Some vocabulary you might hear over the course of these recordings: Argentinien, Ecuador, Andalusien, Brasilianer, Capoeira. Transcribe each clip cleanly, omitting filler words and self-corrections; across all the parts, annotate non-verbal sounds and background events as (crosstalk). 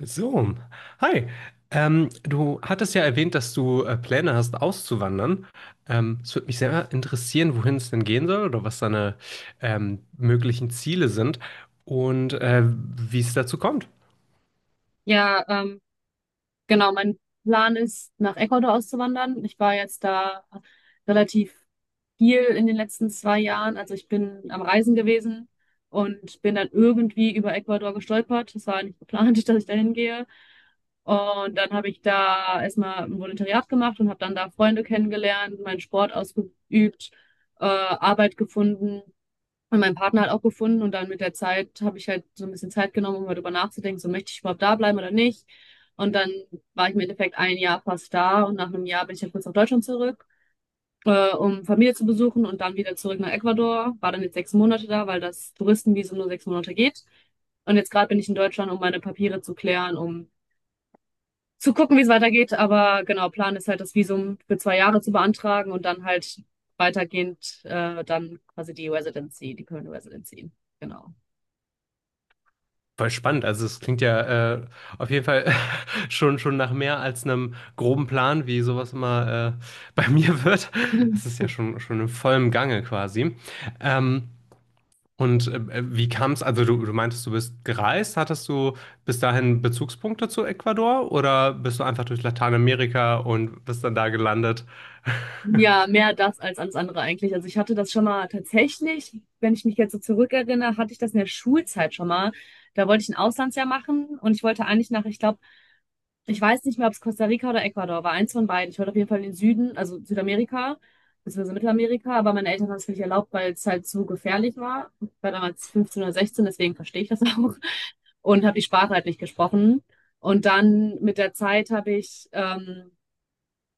So, hi. Du hattest ja erwähnt, dass du Pläne hast, auszuwandern. Es würde mich sehr interessieren, wohin es denn gehen soll oder was deine möglichen Ziele sind und wie es dazu kommt. Ja, genau. Mein Plan ist, nach Ecuador auszuwandern. Ich war jetzt da relativ viel in den letzten 2 Jahren. Also ich bin am Reisen gewesen und bin dann irgendwie über Ecuador gestolpert. Das war nicht geplant, (laughs) dass ich da hingehe. Und dann habe ich da erstmal ein Volontariat gemacht und habe dann da Freunde kennengelernt, meinen Sport ausgeübt, Arbeit gefunden. Und meinen Partner halt auch gefunden und dann mit der Zeit habe ich halt so ein bisschen Zeit genommen, um darüber nachzudenken, so möchte ich überhaupt da bleiben oder nicht. Und dann war ich im Endeffekt ein Jahr fast da und nach einem Jahr bin ich ja kurz nach Deutschland zurück, um Familie zu besuchen und dann wieder zurück nach Ecuador. War dann jetzt 6 Monate da, weil das Touristenvisum nur 6 Monate geht. Und jetzt gerade bin ich in Deutschland, um meine Papiere zu klären, um zu gucken, wie es weitergeht. Aber genau, Plan ist halt, das Visum für 2 Jahre zu beantragen und dann halt weitergehend dann quasi die Residency, die Permanent Residency. Genau. Voll spannend. Also es klingt ja auf jeden Fall (laughs) schon nach mehr als einem groben Plan, wie sowas immer (laughs) bei mir wird. Es ist ja schon in vollem Gange quasi. Ähm, Und wie kam es, also du meintest, du bist gereist, hattest du bis dahin Bezugspunkte zu Ecuador oder bist du einfach durch Lateinamerika und bist dann da gelandet? Ja, mehr das als ans andere eigentlich. Also ich hatte das schon mal tatsächlich, wenn ich mich jetzt so zurückerinnere, hatte ich das in der Schulzeit schon mal. Da wollte ich ein Auslandsjahr machen und ich wollte eigentlich nach, ich glaube, ich weiß nicht mehr, ob es Costa Rica oder Ecuador war, eins von beiden. Ich wollte auf jeden Fall in den Süden, also Südamerika, beziehungsweise Mittelamerika, aber meine Eltern haben es mir nicht erlaubt, weil es halt zu gefährlich war. Ich war damals 15 oder 16, deswegen verstehe ich das (laughs) auch und habe die Sprache halt nicht gesprochen. Und dann mit der Zeit habe ich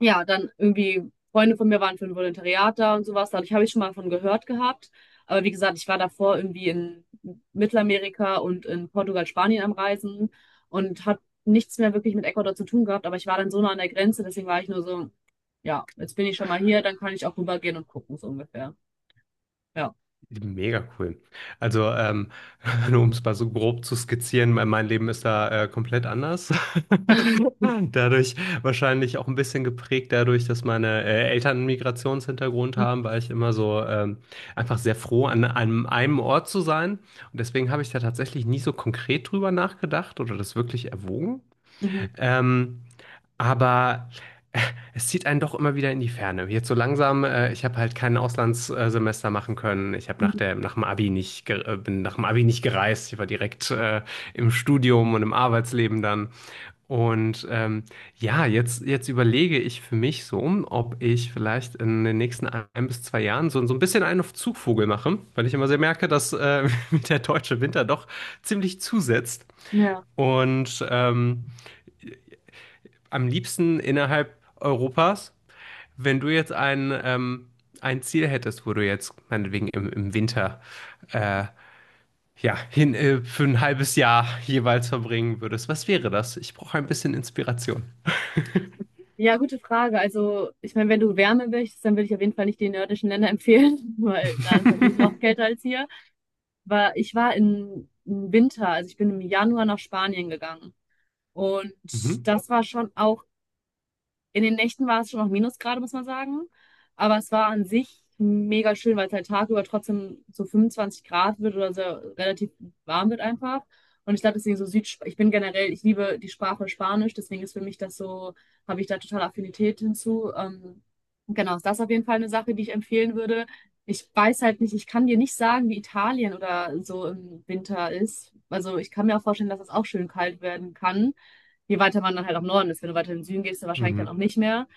ja, dann irgendwie, Freunde von mir waren für ein Volontariat da und sowas. Dadurch habe ich schon mal von gehört gehabt. Aber wie gesagt, ich war davor irgendwie in Mittelamerika und in Portugal, Spanien am Reisen und hat nichts mehr wirklich mit Ecuador zu tun gehabt. Aber ich war dann so nah an der Grenze, deswegen war ich nur so, ja, jetzt bin ich schon mal hier, dann kann ich auch rübergehen und gucken, so ungefähr. Ja. Mega cool. Also, (laughs) nur um es mal so grob zu skizzieren, mein Leben ist da komplett anders. (laughs) Dadurch wahrscheinlich auch ein bisschen geprägt dadurch, dass meine Eltern einen Migrationshintergrund (laughs) haben, war ich immer so einfach sehr froh, an einem Ort zu sein. Und deswegen habe ich da tatsächlich nie so konkret drüber nachgedacht oder das wirklich erwogen. Mhm. Ähm, aber äh, es zieht einen doch immer wieder in die Ferne. Jetzt so langsam, ich habe halt kein Auslandssemester machen können. Ich habe nach Mhm. der, nach dem Abi nicht, ge- bin nach dem Abi nicht gereist. Ich war direkt im Studium und im Arbeitsleben dann. Und ja, jetzt überlege ich für mich so, ob ich vielleicht in den nächsten ein bis zwei Jahren so ein bisschen einen auf Zugvogel mache, weil ich immer sehr merke, dass (laughs) mir der deutsche Winter doch ziemlich zusetzt. Ja. Und am liebsten innerhalb Europas. Wenn du jetzt ein Ziel hättest, wo du jetzt meinetwegen im Winter äh, ja, für ein halbes Jahr jeweils verbringen würdest, was wäre das? Ich brauche ein bisschen Inspiration. Ja, gute Frage. Also, ich meine, wenn du Wärme willst, dann würde ich auf jeden Fall nicht die nördischen Länder empfehlen, (laughs) weil da ist natürlich noch (laughs) kälter als hier. Ich war im Winter, also ich bin im Januar nach Spanien gegangen. Und mhm. das war schon auch, in den Nächten war es schon noch Minusgrade, muss man sagen. Aber es war an sich mega schön, weil es halt tagüber trotzdem so 25 Grad wird oder so relativ warm wird einfach. Und ich glaube, deswegen so Süd, ich bin generell, ich liebe die Sprache Spanisch, deswegen ist für mich das so, habe ich da total Affinität hinzu. Genau, ist das auf jeden Fall eine Sache, die ich empfehlen würde. Ich weiß halt nicht, ich kann dir nicht sagen, wie Italien oder so im Winter ist. Also ich kann mir auch vorstellen, dass es auch schön kalt werden kann, je weiter man dann halt auch im Norden ist. Wenn du weiter in den Süden gehst, dann wahrscheinlich Mhm. dann auch nicht mehr.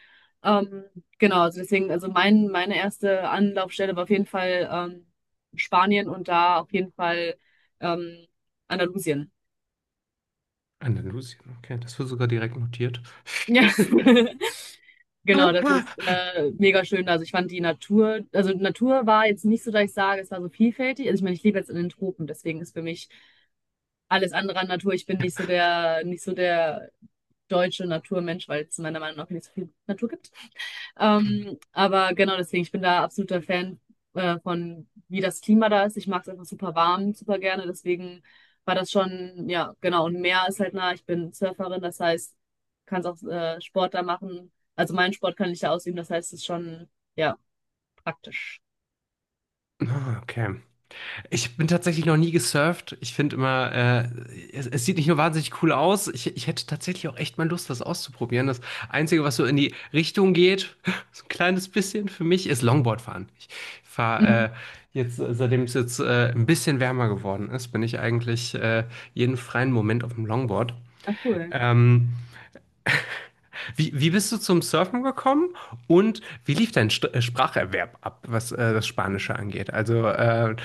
Ähm, genau, also deswegen, also mein, meine erste Anlaufstelle war auf jeden Fall Spanien und da auf jeden Fall ähm, Andalusien. Andalusien, okay, das wird sogar direkt notiert. Ja, (laughs) (laughs) genau, das ist mega schön. Also ich fand die Natur, also Natur war jetzt nicht so, dass ich sage, es war so vielfältig. Also ich meine, ich lebe jetzt in den Tropen, deswegen ist für mich alles andere an Natur. Ich bin nicht so der, deutsche Naturmensch, weil es meiner Meinung nach nicht so viel Natur gibt. Aber genau deswegen, ich bin da absoluter Fan von, wie das Klima da ist. Ich mag es einfach super warm, super gerne. Deswegen war das schon, ja, genau. Und Meer ist halt nah. Ich bin Surferin, das heißt, kann auch Sport da machen. Also meinen Sport kann ich da ausüben, das heißt, es ist schon, ja, praktisch. Ah, okay. Ich bin tatsächlich noch nie gesurft. Ich finde immer, es sieht nicht nur wahnsinnig cool aus, ich hätte tatsächlich auch echt mal Lust, das auszuprobieren. Das Einzige, was so in die Richtung geht, (laughs) so ein kleines bisschen für mich, ist Longboard fahren. Ich fahre Mhm. Jetzt, seitdem es jetzt ein bisschen wärmer geworden ist, bin ich eigentlich jeden freien Moment auf dem Longboard. Ah, cool. Ähm, wie bist du zum Surfen gekommen und wie lief dein St Spracherwerb ab, was das Spanische angeht? Also,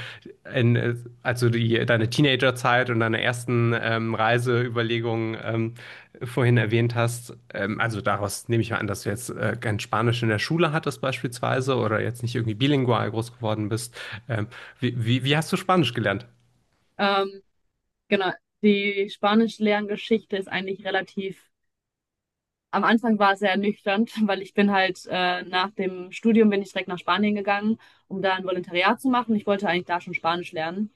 in, äh, also deine Teenagerzeit und deine ersten Reiseüberlegungen vorhin erwähnt hast. Also daraus nehme ich mal an, dass du jetzt kein Spanisch in der Schule hattest beispielsweise oder jetzt nicht irgendwie bilingual groß geworden bist. Ähm, wie hast du Spanisch gelernt? (laughs) Ähm, genau. Die Spanisch-Lerngeschichte ist eigentlich relativ. Am Anfang war es sehr ernüchternd, (laughs) weil ich bin halt nach dem Studium bin ich direkt nach Spanien gegangen, um da ein Volontariat zu machen. Ich wollte eigentlich da schon Spanisch lernen.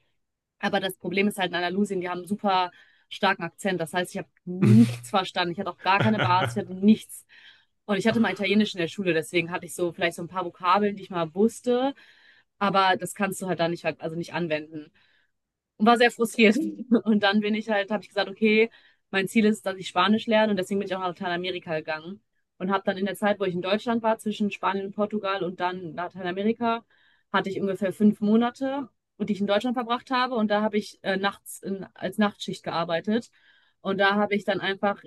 Aber das Problem ist halt in Andalusien, die haben einen super starken Akzent. Das heißt, ich habe nichts verstanden. Ich hatte auch gar keine Basis, ich hatte nichts. Und ich hatte mal Italienisch in der Schule, deswegen hatte ich so vielleicht so ein paar Vokabeln, die ich mal wusste. Aber das kannst du halt da nicht, halt- also nicht anwenden und war sehr frustriert. (laughs) Und dann bin ich halt, habe ich gesagt, okay, mein Ziel ist, dass ich Spanisch lerne und deswegen bin ich auch nach Lateinamerika gegangen und habe dann in der Zeit, wo ich in Deutschland war, zwischen Spanien und Portugal und dann Lateinamerika, hatte ich ungefähr 5 Monate, die ich in Deutschland verbracht habe und da habe ich nachts als Nachtschicht gearbeitet und da habe ich dann einfach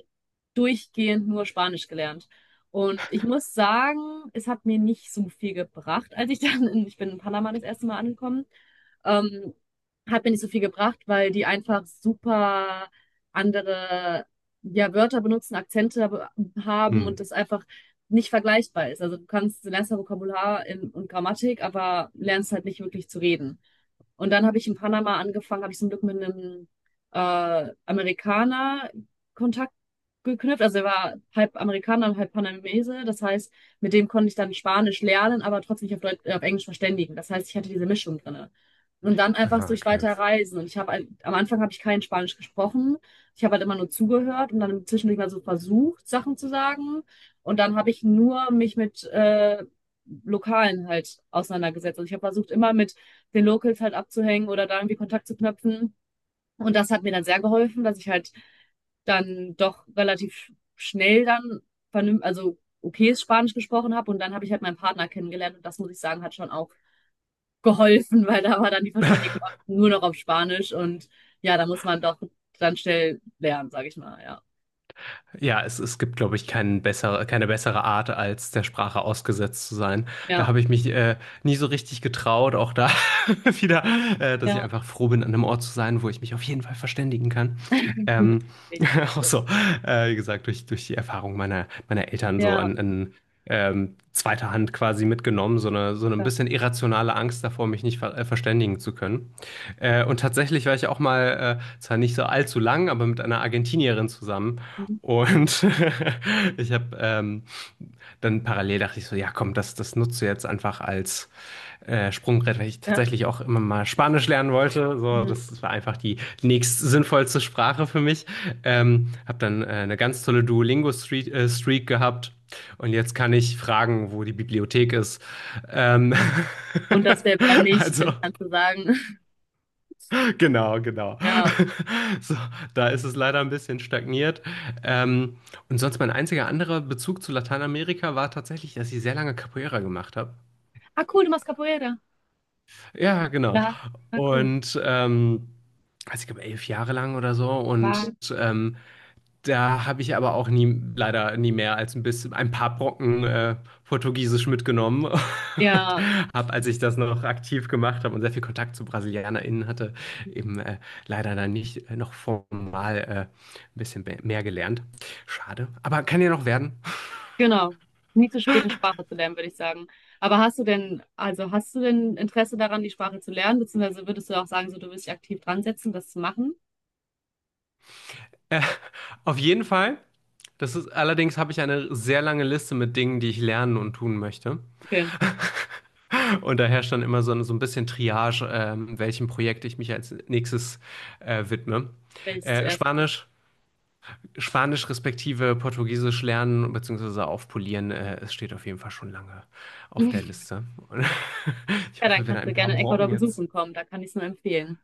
durchgehend nur Spanisch gelernt. Und ich muss sagen, es hat mir nicht so viel gebracht, als ich (laughs) dann ich bin in Panama das erste Mal angekommen, ähm, hat mir nicht so viel gebracht, weil die einfach super andere, ja, Wörter benutzen, Akzente haben und Hm. das einfach nicht vergleichbar ist. Also du kannst, du lernst ja Vokabular und Grammatik, aber lernst halt nicht wirklich zu reden. Und dann habe ich in Panama angefangen, habe ich zum Glück mit einem Amerikaner Kontakt geknüpft. Also er war halb Amerikaner und halb Panamese. Das heißt, mit dem konnte ich dann Spanisch lernen, aber trotzdem mich auf Englisch verständigen. Das heißt, ich hatte diese Mischung drinne. Und dann einfach Ah, durch okay. weiter Reisen. Und ich habe am Anfang habe ich kein Spanisch gesprochen. Ich habe halt immer nur zugehört und dann zwischendurch mal so versucht, Sachen zu sagen. Und dann habe ich nur mich mit Lokalen halt auseinandergesetzt. Also ich habe versucht, immer mit den Locals halt abzuhängen oder da irgendwie Kontakt zu knüpfen. Und das hat mir dann sehr geholfen, dass ich halt dann doch relativ schnell dann vernünftig, also okayes Spanisch gesprochen habe. Und dann habe ich halt meinen Partner kennengelernt. Und das muss ich sagen, hat schon auch geholfen, (laughs) weil da war dann die Verständigung nur noch auf Spanisch. Und ja, da muss man doch dann schnell lernen, sage ich mal. Ja, Ja, es gibt, glaube ich, keine bessere Art, als der Sprache ausgesetzt zu sein. ja, Da habe ich mich nie so richtig getraut, auch da (laughs) wieder, dass ich ja. einfach froh bin, an einem Ort zu sein, wo ich mich auf jeden Fall verständigen kann. Ähm, (laughs) Sicher. Auch so, wie gesagt, durch die Erfahrung meiner Eltern so Ja, an zweiter Hand quasi mitgenommen, so eine ein ja. bisschen irrationale Angst davor, mich nicht verständigen zu können. Und tatsächlich war ich auch mal, zwar nicht so allzu lang, aber mit einer Argentinierin zusammen. Und (laughs) ich habe dann parallel dachte ich so, ja komm, das nutzt du jetzt einfach als Sprungbrett, weil ich Ja. tatsächlich auch immer mal Spanisch lernen wollte. So, das war einfach die nächst sinnvollste Sprache für mich. Habe dann eine ganz tolle Duolingo-Streak Streak gehabt. Und jetzt kann ich fragen, wo die Bibliothek ist. Ähm, Und das wäre wär (laughs) mich, also wenn ich dann kannst sagen. (laughs) genau, genau. Ja. (laughs) So, da ist es leider ein bisschen stagniert. Ähm, und sonst mein einziger anderer Bezug zu Lateinamerika war tatsächlich, dass ich sehr lange Capoeira gemacht habe. Ah, cool, du machst Capoeira. Ja, genau. Ja, na cool. Und also ich glaube 11 Jahre lang oder so. Und War. ähm, da habe ich aber auch nie, leider nie mehr als ein bisschen, ein paar Brocken Portugiesisch mitgenommen. (laughs) und Ja, habe, als ich das noch aktiv gemacht habe und sehr viel Kontakt zu BrasilianerInnen hatte, eben leider dann nicht noch formal ein bisschen mehr gelernt. Schade. Aber kann ja noch werden. genau. Nie zu spät, eine Sprache zu lernen, würde ich sagen. Aber hast du denn, also hast du denn Interesse daran, die Sprache zu lernen? Beziehungsweise würdest du auch sagen, so du willst dich aktiv dran setzen, das zu machen? Äh, auf jeden Fall. Allerdings habe ich eine sehr lange Liste mit Dingen, die ich lernen und tun möchte. Okay, Und da herrscht dann immer so ein bisschen Triage, welchem Projekt ich mich als nächstes widme. willst ich Äh, zuerst. Spanisch, Spanisch respektive Portugiesisch lernen bzw. aufpolieren, es steht auf jeden Fall schon lange auf der (laughs) Liste. Und (laughs) ich Ja, dann hoffe, wir haben kannst du ein paar gerne in Ecuador Brocken jetzt. besuchen kommen, da kann ich es nur empfehlen.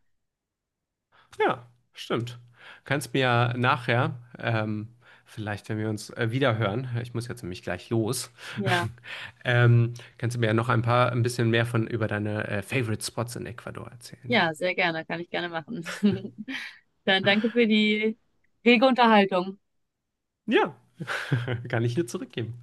Ja, stimmt. Kannst mir ja nachher, vielleicht wenn wir uns wiederhören, ich muss jetzt nämlich gleich los, Ja, (laughs) kannst du mir ja noch ein bisschen mehr von über deine Favorite Spots in Ecuador erzählen. ja, sehr gerne, kann ich gerne machen. (laughs) Dann danke für die rege Unterhaltung. Ja, (laughs) kann ich nur zurückgeben.